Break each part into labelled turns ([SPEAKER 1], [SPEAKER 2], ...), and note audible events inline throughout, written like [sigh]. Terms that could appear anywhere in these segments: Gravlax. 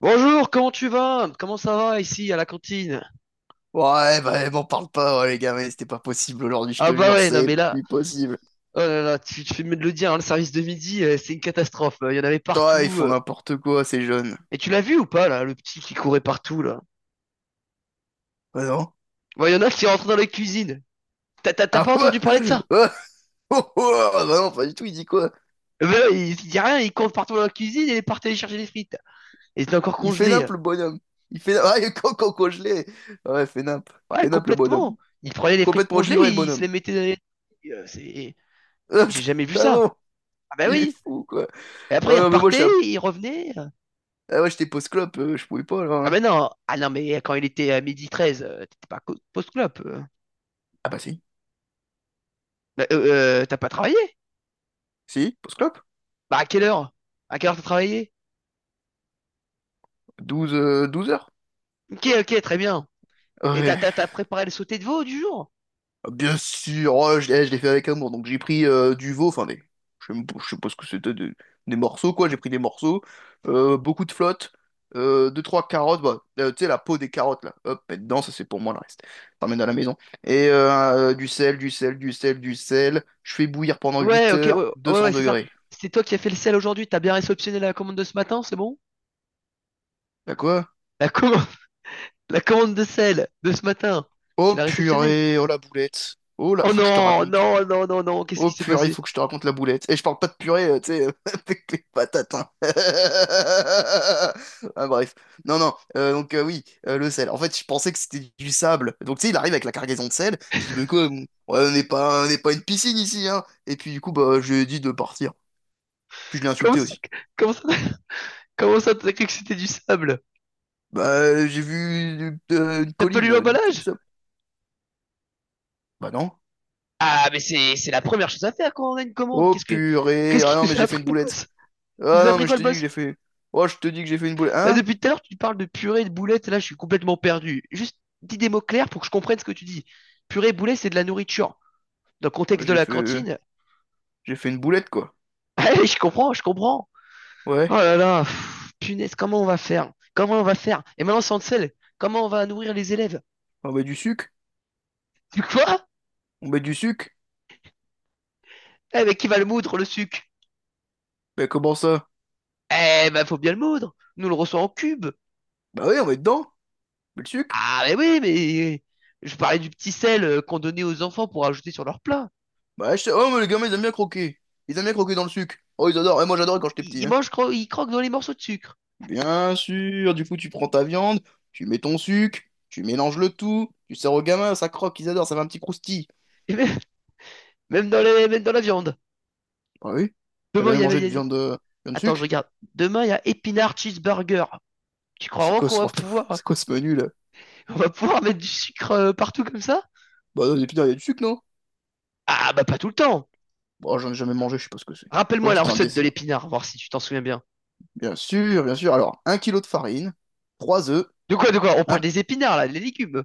[SPEAKER 1] Bonjour, comment tu vas? Comment ça va ici à la cantine?
[SPEAKER 2] Ouais, bah, m'en parle pas, ouais, les gars, mais c'était pas possible aujourd'hui, je
[SPEAKER 1] Ah
[SPEAKER 2] te
[SPEAKER 1] bah
[SPEAKER 2] jure,
[SPEAKER 1] ouais, non
[SPEAKER 2] c'est
[SPEAKER 1] mais là,
[SPEAKER 2] plus possible.
[SPEAKER 1] oh là là, tu fais mieux de le dire, hein. Le service de midi, c'est une catastrophe. Il y en avait
[SPEAKER 2] Toi, ils
[SPEAKER 1] partout.
[SPEAKER 2] font n'importe quoi, ces jeunes.
[SPEAKER 1] Et tu l'as vu ou pas là, le petit qui courait partout là?
[SPEAKER 2] Bah non.
[SPEAKER 1] Ouais, il y en a qui rentrent dans la cuisine. T'as
[SPEAKER 2] Ah
[SPEAKER 1] pas
[SPEAKER 2] [laughs] bah,
[SPEAKER 1] entendu parler de ça?
[SPEAKER 2] bah, oh, oh, ah, bah non, pas du tout, il dit quoi?
[SPEAKER 1] Eh ben, il dit rien, il court partout dans la cuisine et il partait aller chercher les frites. Et c'était encore
[SPEAKER 2] Il fait
[SPEAKER 1] congelé.
[SPEAKER 2] nimp, le bonhomme. Il fait Ah, [laughs] quand je l'ai. Ouais, fait nimp.
[SPEAKER 1] Ouais,
[SPEAKER 2] Fait nimp, le bonhomme.
[SPEAKER 1] complètement. Il prenait les frites
[SPEAKER 2] Complètement
[SPEAKER 1] congelées,
[SPEAKER 2] givré, le
[SPEAKER 1] il se
[SPEAKER 2] bonhomme.
[SPEAKER 1] les mettait dans les... Euh, c'est- J'ai
[SPEAKER 2] [laughs]
[SPEAKER 1] jamais vu
[SPEAKER 2] Ah
[SPEAKER 1] ça.
[SPEAKER 2] bon?
[SPEAKER 1] Ah bah
[SPEAKER 2] Il est
[SPEAKER 1] oui.
[SPEAKER 2] fou, quoi.
[SPEAKER 1] Et après,
[SPEAKER 2] Oh
[SPEAKER 1] il
[SPEAKER 2] non, mais moi,
[SPEAKER 1] repartait, il revenait.
[SPEAKER 2] ah, ouais, j'étais post-clope, je pouvais pas, là,
[SPEAKER 1] Ah
[SPEAKER 2] hein.
[SPEAKER 1] ben non, ah non mais quand il était à 12h13, t'étais pas co- post-clope.
[SPEAKER 2] Ah bah si.
[SPEAKER 1] Bah, t'as pas travaillé?
[SPEAKER 2] Si, post-clope?
[SPEAKER 1] Bah à quelle heure? À quelle heure t'as travaillé?
[SPEAKER 2] Douze 12 heures.
[SPEAKER 1] Ok, ok, très bien. Et t'as
[SPEAKER 2] Ouais.
[SPEAKER 1] t'as t'as préparé le sauté de veau du jour?
[SPEAKER 2] Bien sûr, oh, je l'ai fait avec amour. Donc j'ai pris du veau, enfin des, je sais pas ce que c'était, des morceaux quoi. J'ai pris des morceaux, beaucoup de flotte, deux trois carottes, bah, tu sais la peau des carottes là, hop, mets dedans, ça c'est pour moi le reste. T'emmènes à la maison. Et du sel, du sel, du sel, du sel. Je fais bouillir pendant
[SPEAKER 1] Ouais,
[SPEAKER 2] 8
[SPEAKER 1] ok, ouais,
[SPEAKER 2] heures, deux cents
[SPEAKER 1] ouais, c'est ça.
[SPEAKER 2] degrés.
[SPEAKER 1] C'est toi qui as fait le sel aujourd'hui, t'as bien réceptionné la commande de ce matin, c'est bon?
[SPEAKER 2] Bah quoi?
[SPEAKER 1] La commande, [laughs] la commande de sel de ce matin, tu
[SPEAKER 2] Oh
[SPEAKER 1] l'as réceptionnée?
[SPEAKER 2] purée, oh la boulette, oh là,
[SPEAKER 1] Oh
[SPEAKER 2] faut que je te
[SPEAKER 1] non,
[SPEAKER 2] raconte.
[SPEAKER 1] qu'est-ce qui
[SPEAKER 2] Oh
[SPEAKER 1] s'est
[SPEAKER 2] purée, il
[SPEAKER 1] passé?
[SPEAKER 2] faut que je te raconte la boulette. Et je parle pas de purée, tu sais, [laughs] avec les patates, hein. [laughs] Ah, bref. Non, non. Donc oui, le sel. En fait, je pensais que c'était du sable. Donc tu sais, il arrive avec la cargaison de sel. Je dis, mais
[SPEAKER 1] [laughs]
[SPEAKER 2] quoi, ouais, on n'est pas une piscine ici, hein. Et puis du coup, bah, je lui ai dit de partir. Puis je l'ai
[SPEAKER 1] Comment
[SPEAKER 2] insulté
[SPEAKER 1] ça,
[SPEAKER 2] aussi.
[SPEAKER 1] comment ça, comment ça t'as cru que c'était du sable?
[SPEAKER 2] Bah, j'ai vu une
[SPEAKER 1] T'as pas lu
[SPEAKER 2] colline, c'est du
[SPEAKER 1] l'emballage?
[SPEAKER 2] sable. Bah non.
[SPEAKER 1] Ah, mais c'est la première chose à faire quand on a une commande.
[SPEAKER 2] Oh purée.
[SPEAKER 1] Qu'est-ce
[SPEAKER 2] Ah
[SPEAKER 1] qu'il
[SPEAKER 2] non, mais
[SPEAKER 1] nous a
[SPEAKER 2] j'ai fait
[SPEAKER 1] appris,
[SPEAKER 2] une
[SPEAKER 1] le
[SPEAKER 2] boulette.
[SPEAKER 1] boss? Il
[SPEAKER 2] Ah
[SPEAKER 1] nous a
[SPEAKER 2] non,
[SPEAKER 1] appris
[SPEAKER 2] mais je
[SPEAKER 1] quoi, le
[SPEAKER 2] te dis que
[SPEAKER 1] boss?
[SPEAKER 2] j'ai fait. Oh, je te dis que j'ai fait une boulette.
[SPEAKER 1] Là,
[SPEAKER 2] Hein?
[SPEAKER 1] depuis tout à l'heure, tu parles de purée, de boulettes. Là, je suis complètement perdu. Juste dis des mots clairs pour que je comprenne ce que tu dis. Purée, boulette, c'est de la nourriture. Dans le
[SPEAKER 2] Ouais,
[SPEAKER 1] contexte de
[SPEAKER 2] J'ai
[SPEAKER 1] la
[SPEAKER 2] fait,
[SPEAKER 1] cantine,
[SPEAKER 2] j'ai fait une boulette, quoi.
[SPEAKER 1] [laughs] allez, je comprends, je comprends. Oh
[SPEAKER 2] Ouais.
[SPEAKER 1] là là, pff, punaise, comment on va faire? Comment on va faire? Et maintenant, sans le sel, comment on va nourrir les élèves?
[SPEAKER 2] On met du sucre?
[SPEAKER 1] Tu quoi?
[SPEAKER 2] On met du sucre?
[SPEAKER 1] Eh, mais qui va le moudre, le sucre?
[SPEAKER 2] Mais comment ça?
[SPEAKER 1] Eh ben, faut bien le moudre. Nous on le reçoit en cube.
[SPEAKER 2] Bah oui, on met dedans. On le sucre?
[SPEAKER 1] Ah, mais oui, mais je parlais du petit sel qu'on donnait aux enfants pour ajouter sur leur plat.
[SPEAKER 2] Oh, mais les gamins, ils aiment bien croquer. Ils aiment bien croquer dans le sucre. Oh, ils adorent. Et moi, j'adorais quand j'étais petit, hein.
[SPEAKER 1] Ils croquent dans les morceaux de sucre.
[SPEAKER 2] Bien sûr. Du coup, tu prends ta viande, tu mets ton sucre, tu mélanges le tout, tu sers aux gamins, ça croque, ils adorent, ça fait un petit croustille.
[SPEAKER 1] [laughs] Et même, même dans la viande.
[SPEAKER 2] Bah oui. T'as
[SPEAKER 1] Demain, il
[SPEAKER 2] jamais
[SPEAKER 1] y avait.
[SPEAKER 2] mangé
[SPEAKER 1] Il y
[SPEAKER 2] de
[SPEAKER 1] avait-
[SPEAKER 2] viande, viande
[SPEAKER 1] Attends, je
[SPEAKER 2] sucre?
[SPEAKER 1] regarde. Demain, il y a épinard cheeseburger. Tu crois
[SPEAKER 2] C'est
[SPEAKER 1] vraiment
[SPEAKER 2] quoi
[SPEAKER 1] qu'on
[SPEAKER 2] ce
[SPEAKER 1] va
[SPEAKER 2] repas? [laughs]
[SPEAKER 1] pouvoir,
[SPEAKER 2] C'est quoi ce menu, là?
[SPEAKER 1] on va pouvoir mettre du sucre partout comme ça?
[SPEAKER 2] Bah non, mais putain, il y a du sucre, non?
[SPEAKER 1] Ah, bah, pas tout le temps.
[SPEAKER 2] Bon, j'en ai jamais mangé, je sais pas ce que c'est. Je pensais
[SPEAKER 1] Rappelle-moi
[SPEAKER 2] que
[SPEAKER 1] la
[SPEAKER 2] c'était un
[SPEAKER 1] recette de
[SPEAKER 2] dessert.
[SPEAKER 1] l'épinard, voir si tu t'en souviens bien.
[SPEAKER 2] Bien sûr, bien sûr. Alors, 1 kilo de farine, trois œufs,
[SPEAKER 1] De quoi, de quoi? On parle
[SPEAKER 2] un...
[SPEAKER 1] des épinards, là, les légumes.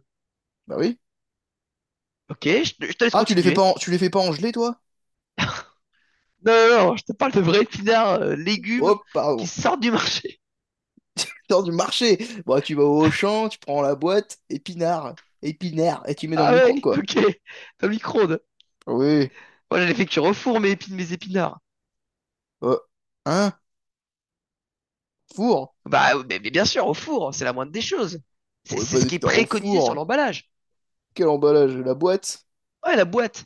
[SPEAKER 2] Bah oui.
[SPEAKER 1] Ok, je te laisse
[SPEAKER 2] Ah,
[SPEAKER 1] continuer.
[SPEAKER 2] tu les fais pas engeler, toi?
[SPEAKER 1] Non, non, non, je te parle de vrais épinards, légumes
[SPEAKER 2] Oh,
[SPEAKER 1] qui
[SPEAKER 2] pardon.
[SPEAKER 1] sortent du marché.
[SPEAKER 2] Putain du marché. Bon, tu vas au Auchan, tu prends la boîte, épinard, épinard, et tu mets dans
[SPEAKER 1] Ah
[SPEAKER 2] le
[SPEAKER 1] ouais,
[SPEAKER 2] micro-ondes,
[SPEAKER 1] [laughs]
[SPEAKER 2] quoi.
[SPEAKER 1] ok. Dans le micro-ondes.
[SPEAKER 2] Ah oui.
[SPEAKER 1] Moi, j'allais fait cuire au four mes mes épinards.
[SPEAKER 2] Euh, hein? Four?
[SPEAKER 1] Bah, ouais, mais bien sûr, au four, c'est la moindre des choses. C'est
[SPEAKER 2] On met
[SPEAKER 1] c'est
[SPEAKER 2] pas
[SPEAKER 1] ce
[SPEAKER 2] des
[SPEAKER 1] qui est
[SPEAKER 2] épinards au
[SPEAKER 1] préconisé sur
[SPEAKER 2] four.
[SPEAKER 1] l'emballage.
[SPEAKER 2] Quel emballage, la boîte.
[SPEAKER 1] Ouais,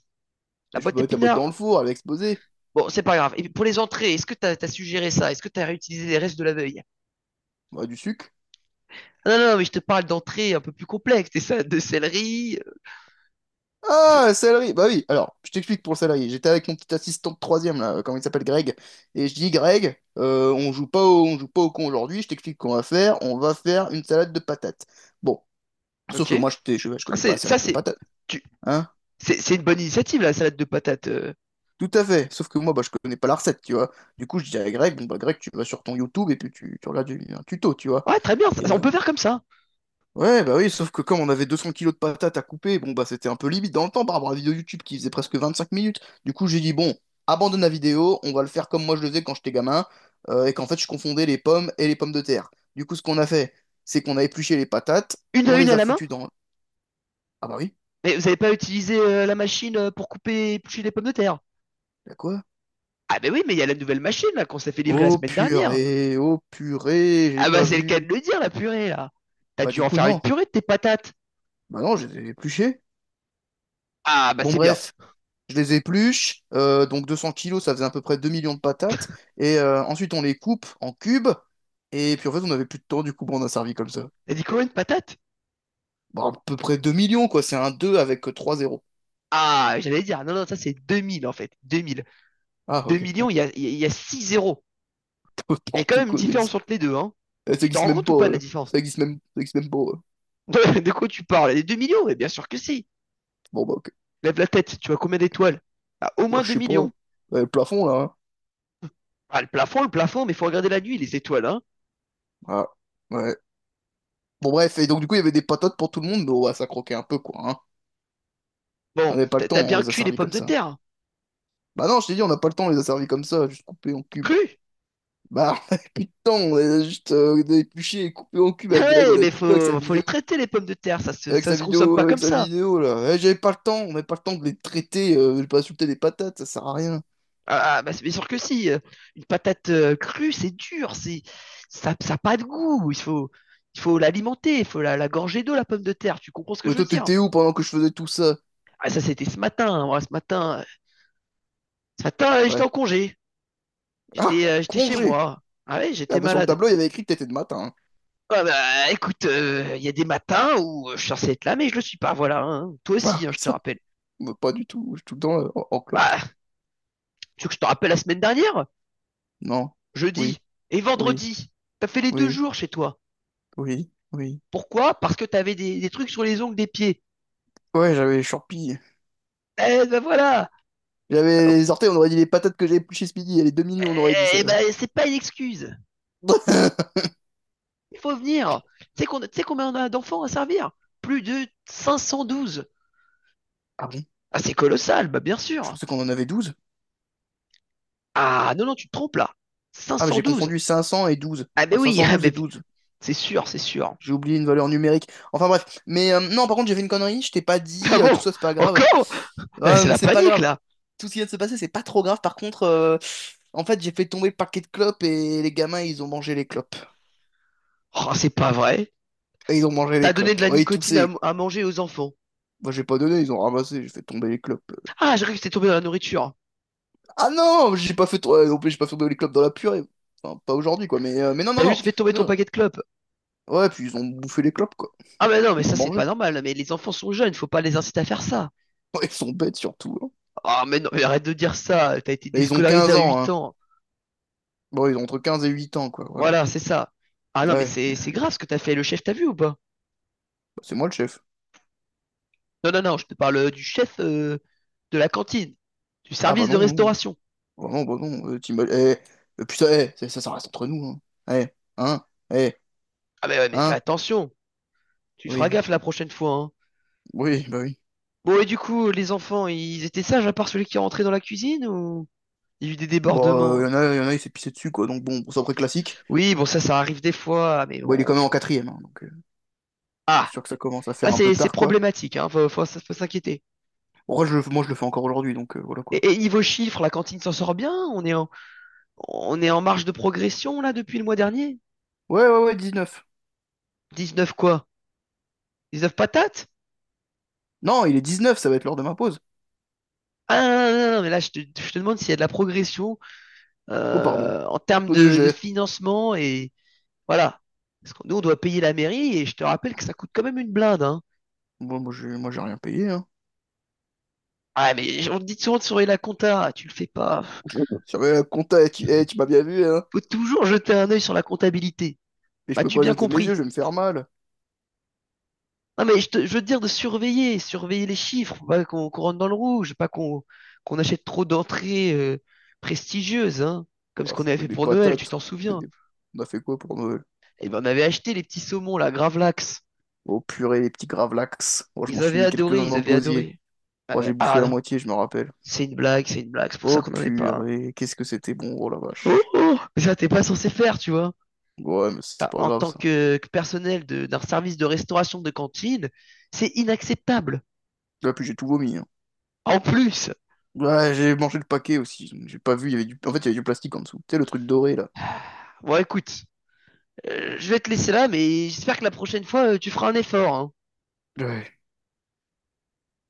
[SPEAKER 1] la
[SPEAKER 2] Mais je peux
[SPEAKER 1] boîte
[SPEAKER 2] pas mettre la boîte dans
[SPEAKER 1] épinards.
[SPEAKER 2] le four, elle va exploser.
[SPEAKER 1] Bon, c'est pas grave. Et pour les entrées, est-ce que t'as as suggéré ça? Est-ce que t'as réutilisé les restes de la veille?
[SPEAKER 2] Bah, du sucre.
[SPEAKER 1] Ah non, non, mais je te parle d'entrées un peu plus complexes. Des salades de céleri.
[SPEAKER 2] Ah,
[SPEAKER 1] C'est-
[SPEAKER 2] salarié. Bah oui. Alors, je t'explique pour le salarié. J'étais avec mon petit assistant de troisième, là, comment il s'appelle, Greg. Et je dis, Greg, on joue pas au con aujourd'hui. Je t'explique qu'on va faire. On va faire une salade de patates. Bon. Sauf
[SPEAKER 1] Ok.
[SPEAKER 2] que moi, je
[SPEAKER 1] Ah,
[SPEAKER 2] connais pas la
[SPEAKER 1] c'est- ça,
[SPEAKER 2] salade de
[SPEAKER 1] c'est
[SPEAKER 2] patates.
[SPEAKER 1] tu-
[SPEAKER 2] Hein?
[SPEAKER 1] c'est une bonne initiative, la salade de patates.
[SPEAKER 2] Tout à fait. Sauf que moi, bah, je connais pas la recette, tu vois. Du coup, je dis à Greg, bon, bah, Greg, tu vas sur ton YouTube et puis tu regardes un tuto, tu vois.
[SPEAKER 1] Ouais, très bien, ça-
[SPEAKER 2] Et
[SPEAKER 1] on peut faire comme ça.
[SPEAKER 2] ouais, bah oui, sauf que comme on avait 200 kilos de patates à couper, bon, bah, c'était un peu limite dans le temps par rapport à la vidéo YouTube qui faisait presque 25 minutes. Du coup, j'ai dit, bon, abandonne la vidéo, on va le faire comme moi je le faisais quand j'étais gamin, et qu'en fait, je confondais les pommes et les pommes de terre. Du coup, ce qu'on a fait, c'est qu'on a épluché les patates, on
[SPEAKER 1] Une
[SPEAKER 2] les
[SPEAKER 1] à
[SPEAKER 2] a
[SPEAKER 1] la main?
[SPEAKER 2] foutues dans. Ah bah oui,
[SPEAKER 1] Mais vous n'avez pas utilisé la machine pour couper et éplucher les pommes de terre?
[SPEAKER 2] bah quoi?
[SPEAKER 1] Ah ben oui, mais il y a la nouvelle machine là qu'on s'est fait livrer la semaine dernière.
[SPEAKER 2] Oh purée, j'ai
[SPEAKER 1] Ah bah
[SPEAKER 2] pas
[SPEAKER 1] c'est le cas
[SPEAKER 2] vu.
[SPEAKER 1] de le dire, la purée là. T'as
[SPEAKER 2] Bah
[SPEAKER 1] dû
[SPEAKER 2] du
[SPEAKER 1] en
[SPEAKER 2] coup
[SPEAKER 1] faire une
[SPEAKER 2] non.
[SPEAKER 1] purée de tes patates.
[SPEAKER 2] Bah non, je les ai épluchés.
[SPEAKER 1] Ah bah
[SPEAKER 2] Bon
[SPEAKER 1] c'est bien.
[SPEAKER 2] bref, je les épluche, donc 200 kilos, ça faisait à peu près 2 millions de patates. Et ensuite on les coupe en cubes. Et puis en fait on avait plus de temps, du coup bon, on a servi comme ça.
[SPEAKER 1] T'as dit combien de patates?
[SPEAKER 2] Bah à peu près 2 millions quoi, c'est un 2 avec 3 zéros.
[SPEAKER 1] Ah, j'allais dire, non, non, ça c'est 2000 en fait.
[SPEAKER 2] Ah
[SPEAKER 1] Deux
[SPEAKER 2] ok,
[SPEAKER 1] millions,
[SPEAKER 2] [laughs]
[SPEAKER 1] il y a 6 zéros. Il y a quand
[SPEAKER 2] n'importe
[SPEAKER 1] même une
[SPEAKER 2] quoi,
[SPEAKER 1] différence entre les deux, hein.
[SPEAKER 2] ça
[SPEAKER 1] Tu
[SPEAKER 2] existe
[SPEAKER 1] t'en rends
[SPEAKER 2] même
[SPEAKER 1] compte
[SPEAKER 2] pas.
[SPEAKER 1] ou pas de la différence?
[SPEAKER 2] Ça existe même pas.
[SPEAKER 1] [laughs] De quoi tu parles? Les 2 millions? Eh bien sûr que si.
[SPEAKER 2] Bon, bah, ok,
[SPEAKER 1] Lève la tête, tu vois combien d'étoiles? Ah, au
[SPEAKER 2] bah,
[SPEAKER 1] moins
[SPEAKER 2] je
[SPEAKER 1] 2
[SPEAKER 2] sais pas.
[SPEAKER 1] millions.
[SPEAKER 2] Le plafond là, hein.
[SPEAKER 1] Ah, le plafond, mais faut regarder la nuit, les étoiles, hein.
[SPEAKER 2] Ah. Ouais. Bon, bref, et donc, du coup, il y avait des patates pour tout le monde, mais ouais, ça croquait un peu, quoi, hein. On
[SPEAKER 1] Bon,
[SPEAKER 2] n'avait pas le
[SPEAKER 1] t'as
[SPEAKER 2] temps,
[SPEAKER 1] t'as
[SPEAKER 2] on
[SPEAKER 1] bien
[SPEAKER 2] les a
[SPEAKER 1] cuit les
[SPEAKER 2] servis
[SPEAKER 1] pommes
[SPEAKER 2] comme
[SPEAKER 1] de
[SPEAKER 2] ça.
[SPEAKER 1] terre. Hein.
[SPEAKER 2] Bah non, je t'ai dit, on n'a pas le temps, on les a servis comme ça, juste coupés en cubes.
[SPEAKER 1] Cru? [laughs]
[SPEAKER 2] Bah, [laughs] on avait plus de temps, on les a juste épluchés et coupés en cubes avec Greg, on
[SPEAKER 1] Ouais,
[SPEAKER 2] avait
[SPEAKER 1] mais
[SPEAKER 2] plus de temps avec sa
[SPEAKER 1] faut, faut
[SPEAKER 2] vidéo,
[SPEAKER 1] les traiter, les pommes de terre, ça se consomme pas
[SPEAKER 2] avec
[SPEAKER 1] comme
[SPEAKER 2] sa
[SPEAKER 1] ça.
[SPEAKER 2] vidéo, là. Eh, j'avais pas le temps, on n'avait pas le temps de les traiter, de pas insulter les patates, ça sert à rien.
[SPEAKER 1] Ah, ah, bah c'est bien sûr que si. Une patate crue, ça, ça a pas de goût. Il faut l'alimenter, la gorger d'eau, la pomme de terre. Tu comprends ce que
[SPEAKER 2] Mais
[SPEAKER 1] je veux
[SPEAKER 2] toi,
[SPEAKER 1] dire?
[SPEAKER 2] t'étais où pendant que je faisais tout ça?
[SPEAKER 1] Ah, ça, c'était ce matin. Ce matin, j'étais
[SPEAKER 2] Ouais.
[SPEAKER 1] en congé. J'étais
[SPEAKER 2] Ah,
[SPEAKER 1] j'étais chez
[SPEAKER 2] congé!
[SPEAKER 1] moi. Ah ouais, j'étais
[SPEAKER 2] Ah bah sur le
[SPEAKER 1] malade.
[SPEAKER 2] tableau, il y avait écrit que t'étais de matin, hein.
[SPEAKER 1] Ah bah écoute, il y a des matins où je suis censé être là, mais je le suis pas, voilà. Hein. Toi
[SPEAKER 2] Ah,
[SPEAKER 1] aussi, hein,
[SPEAKER 2] ouais,
[SPEAKER 1] je te
[SPEAKER 2] ça,
[SPEAKER 1] rappelle.
[SPEAKER 2] bah, pas du tout, je suis tout le temps en clope.
[SPEAKER 1] Bah, tu veux que je te rappelle la semaine dernière?
[SPEAKER 2] Non,
[SPEAKER 1] Jeudi
[SPEAKER 2] oui,
[SPEAKER 1] et
[SPEAKER 2] oui,
[SPEAKER 1] vendredi. T'as fait les deux
[SPEAKER 2] oui.
[SPEAKER 1] jours chez toi.
[SPEAKER 2] Oui, oui.
[SPEAKER 1] Pourquoi? Parce que t'avais des trucs sur les ongles des pieds.
[SPEAKER 2] Ouais, j'avais les Chourpis.
[SPEAKER 1] Eh ben voilà!
[SPEAKER 2] J'avais les orteils, on aurait dit les patates que j'avais plus chez Speedy, et les 2 millions, on aurait dit ça.
[SPEAKER 1] Eh ben c'est pas une excuse.
[SPEAKER 2] [laughs]
[SPEAKER 1] Il faut venir. Tu sais combien on a d'enfants à servir? Plus de 512.
[SPEAKER 2] Ah bon?
[SPEAKER 1] Ah c'est colossal, bah bien
[SPEAKER 2] Je
[SPEAKER 1] sûr.
[SPEAKER 2] pensais qu'on en avait 12.
[SPEAKER 1] Ah non, non, tu te trompes là. cinq
[SPEAKER 2] Ah, mais
[SPEAKER 1] cent
[SPEAKER 2] j'ai
[SPEAKER 1] douze.
[SPEAKER 2] confondu 500 et 12.
[SPEAKER 1] Ah mais
[SPEAKER 2] Enfin, cinq
[SPEAKER 1] oui, [laughs]
[SPEAKER 2] cent
[SPEAKER 1] ah,
[SPEAKER 2] douze
[SPEAKER 1] mais
[SPEAKER 2] et 12.
[SPEAKER 1] c'est sûr, c'est sûr.
[SPEAKER 2] J'ai oublié une valeur numérique. Enfin bref. Mais non, par contre, j'ai fait une connerie, je t'ai pas
[SPEAKER 1] Ah
[SPEAKER 2] dit, tout
[SPEAKER 1] bon?
[SPEAKER 2] ça, c'est pas grave.
[SPEAKER 1] Encore? Eh,
[SPEAKER 2] Ah,
[SPEAKER 1] c'est
[SPEAKER 2] mais
[SPEAKER 1] la
[SPEAKER 2] c'est pas
[SPEAKER 1] panique
[SPEAKER 2] grave.
[SPEAKER 1] là.
[SPEAKER 2] Tout ce qui vient de se passer, c'est pas trop grave. Par contre, en fait, j'ai fait tomber le paquet de clopes et les gamins, ils ont mangé les clopes.
[SPEAKER 1] Oh, c'est pas vrai.
[SPEAKER 2] Et ils ont mangé les
[SPEAKER 1] T'as donné de
[SPEAKER 2] clopes.
[SPEAKER 1] la
[SPEAKER 2] Ouais, ils
[SPEAKER 1] nicotine
[SPEAKER 2] toussaient.
[SPEAKER 1] à manger aux enfants.
[SPEAKER 2] Moi, j'ai pas donné, ils ont ramassé, j'ai fait tomber les clopes.
[SPEAKER 1] Ah, j'ai cru que c'était tombé dans la nourriture.
[SPEAKER 2] Ah non, j'ai pas fait trop- ouais, non plus, j'ai pas fait tomber les clopes dans la purée. Enfin, pas aujourd'hui, quoi, mais non, non,
[SPEAKER 1] T'as
[SPEAKER 2] non,
[SPEAKER 1] juste fait tomber ton
[SPEAKER 2] non.
[SPEAKER 1] paquet de clopes.
[SPEAKER 2] Ouais, puis ils ont bouffé les clopes, quoi.
[SPEAKER 1] Ah mais non, mais
[SPEAKER 2] Ils
[SPEAKER 1] ça
[SPEAKER 2] ont
[SPEAKER 1] c'est
[SPEAKER 2] mangé.
[SPEAKER 1] pas
[SPEAKER 2] [laughs]
[SPEAKER 1] normal. Mais les enfants sont jeunes, faut pas les inciter à faire ça.
[SPEAKER 2] Ouais, ils sont bêtes, surtout, hein.
[SPEAKER 1] Ah mais non, mais arrête de dire ça. T'as été
[SPEAKER 2] Là, ils ont
[SPEAKER 1] déscolarisé
[SPEAKER 2] 15
[SPEAKER 1] à
[SPEAKER 2] ans,
[SPEAKER 1] 8
[SPEAKER 2] hein.
[SPEAKER 1] ans.
[SPEAKER 2] Bon, ils ont entre 15 et 8 ans, quoi, voilà.
[SPEAKER 1] Voilà, c'est ça. Ah non, mais
[SPEAKER 2] Ouais,
[SPEAKER 1] c'est grave ce que t'as fait. Le chef t'a vu ou pas?
[SPEAKER 2] bah, c'est moi le chef.
[SPEAKER 1] Non, non, non, je te parle du chef de la cantine, du
[SPEAKER 2] Ah bah
[SPEAKER 1] service de
[SPEAKER 2] non, non.
[SPEAKER 1] restauration.
[SPEAKER 2] Bah non, bah non. Putain, eh, ça reste entre nous, hein. Eh, hein, eh,
[SPEAKER 1] Ah mais ouais, mais fais
[SPEAKER 2] hein,
[SPEAKER 1] attention. Tu feras
[SPEAKER 2] oui,
[SPEAKER 1] gaffe la prochaine fois, hein.
[SPEAKER 2] oui, bah oui.
[SPEAKER 1] Bon, et du coup, les enfants, ils étaient sages à part celui qui est rentré dans la cuisine ou il y a eu des
[SPEAKER 2] Bon,
[SPEAKER 1] débordements? Hein?
[SPEAKER 2] il s'est pissé dessus, quoi, donc bon, c'est à peu près classique.
[SPEAKER 1] Oui, bon, ça arrive des fois, mais
[SPEAKER 2] Bon, il est
[SPEAKER 1] bon,
[SPEAKER 2] quand même en quatrième, hein, donc
[SPEAKER 1] ah,
[SPEAKER 2] c'est sûr que ça commence à
[SPEAKER 1] là,
[SPEAKER 2] faire un peu
[SPEAKER 1] c'est
[SPEAKER 2] tard, quoi.
[SPEAKER 1] problématique, hein. Faut s'inquiéter.
[SPEAKER 2] Moi, je le fais encore aujourd'hui, donc voilà quoi.
[SPEAKER 1] Et niveau chiffres, la cantine s'en sort bien? On est en marge de progression, là, depuis le mois dernier?
[SPEAKER 2] Ouais, ouais, ouais, 19.
[SPEAKER 1] 19 quoi? 19 patates?
[SPEAKER 2] Non, il est 19, ça va être l'heure de ma pause.
[SPEAKER 1] Ah, non, non, non, non, mais là, je te demande s'il y a de la progression,
[SPEAKER 2] Oh, pardon.
[SPEAKER 1] en termes
[SPEAKER 2] Oh, de
[SPEAKER 1] de
[SPEAKER 2] jet.
[SPEAKER 1] financement et, voilà. Parce que nous, on doit payer la mairie et je te rappelle que ça coûte quand même une blinde, hein.
[SPEAKER 2] Bon, moi, j'ai rien payé, hein.
[SPEAKER 1] Ah, mais on te dit souvent de surveiller la compta. Ah, tu le fais pas.
[SPEAKER 2] [laughs] Sur le compta, eh, tu m'as bien vu, hein.
[SPEAKER 1] Faut toujours jeter un œil sur la comptabilité.
[SPEAKER 2] Mais je peux
[SPEAKER 1] M'as-tu
[SPEAKER 2] pas
[SPEAKER 1] bien
[SPEAKER 2] jeter mes yeux,
[SPEAKER 1] compris?
[SPEAKER 2] je vais me faire mal.
[SPEAKER 1] Non, mais je veux te dire de surveiller, surveiller les chiffres, faut pas qu'on rentre dans le rouge, pas qu'on achète trop d'entrées prestigieuses, hein. Comme ce
[SPEAKER 2] Oh,
[SPEAKER 1] qu'on
[SPEAKER 2] je
[SPEAKER 1] avait
[SPEAKER 2] fais
[SPEAKER 1] fait
[SPEAKER 2] des
[SPEAKER 1] pour Noël, tu
[SPEAKER 2] patates.
[SPEAKER 1] t'en
[SPEAKER 2] Je fais
[SPEAKER 1] souviens.
[SPEAKER 2] des- On a fait quoi pour Noël?
[SPEAKER 1] Eh ben, on avait acheté les petits saumons, là, Gravlax.
[SPEAKER 2] Oh, purée, les petits gravlax. Moi, je m'en
[SPEAKER 1] Ils
[SPEAKER 2] suis
[SPEAKER 1] avaient
[SPEAKER 2] mis
[SPEAKER 1] adoré,
[SPEAKER 2] quelques-uns
[SPEAKER 1] ils
[SPEAKER 2] dans le
[SPEAKER 1] avaient
[SPEAKER 2] gosier.
[SPEAKER 1] adoré.
[SPEAKER 2] Moi, j'ai bouffé
[SPEAKER 1] Ah
[SPEAKER 2] la
[SPEAKER 1] non,
[SPEAKER 2] moitié, je me rappelle.
[SPEAKER 1] c'est une blague, c'est une blague, c'est pour ça
[SPEAKER 2] Oh,
[SPEAKER 1] qu'on n'en est pas.
[SPEAKER 2] purée, qu'est-ce que c'était bon, oh la
[SPEAKER 1] Oh,
[SPEAKER 2] vache.
[SPEAKER 1] oh, mais ça, t'es pas censé faire, tu vois.
[SPEAKER 2] Ouais, mais c'est pas
[SPEAKER 1] En
[SPEAKER 2] grave,
[SPEAKER 1] tant
[SPEAKER 2] ça.
[SPEAKER 1] que personnel d'un service de restauration de cantine, c'est inacceptable.
[SPEAKER 2] Là, puis j'ai tout vomi, hein.
[SPEAKER 1] En plus,
[SPEAKER 2] Ouais, j'ai mangé le paquet aussi. J'ai pas vu, il y avait du. En fait, il y avait du plastique en dessous. Tu sais, le truc doré, là.
[SPEAKER 1] bon, écoute, je vais te laisser là, mais j'espère que la prochaine fois, tu feras un effort, hein.
[SPEAKER 2] Ouais.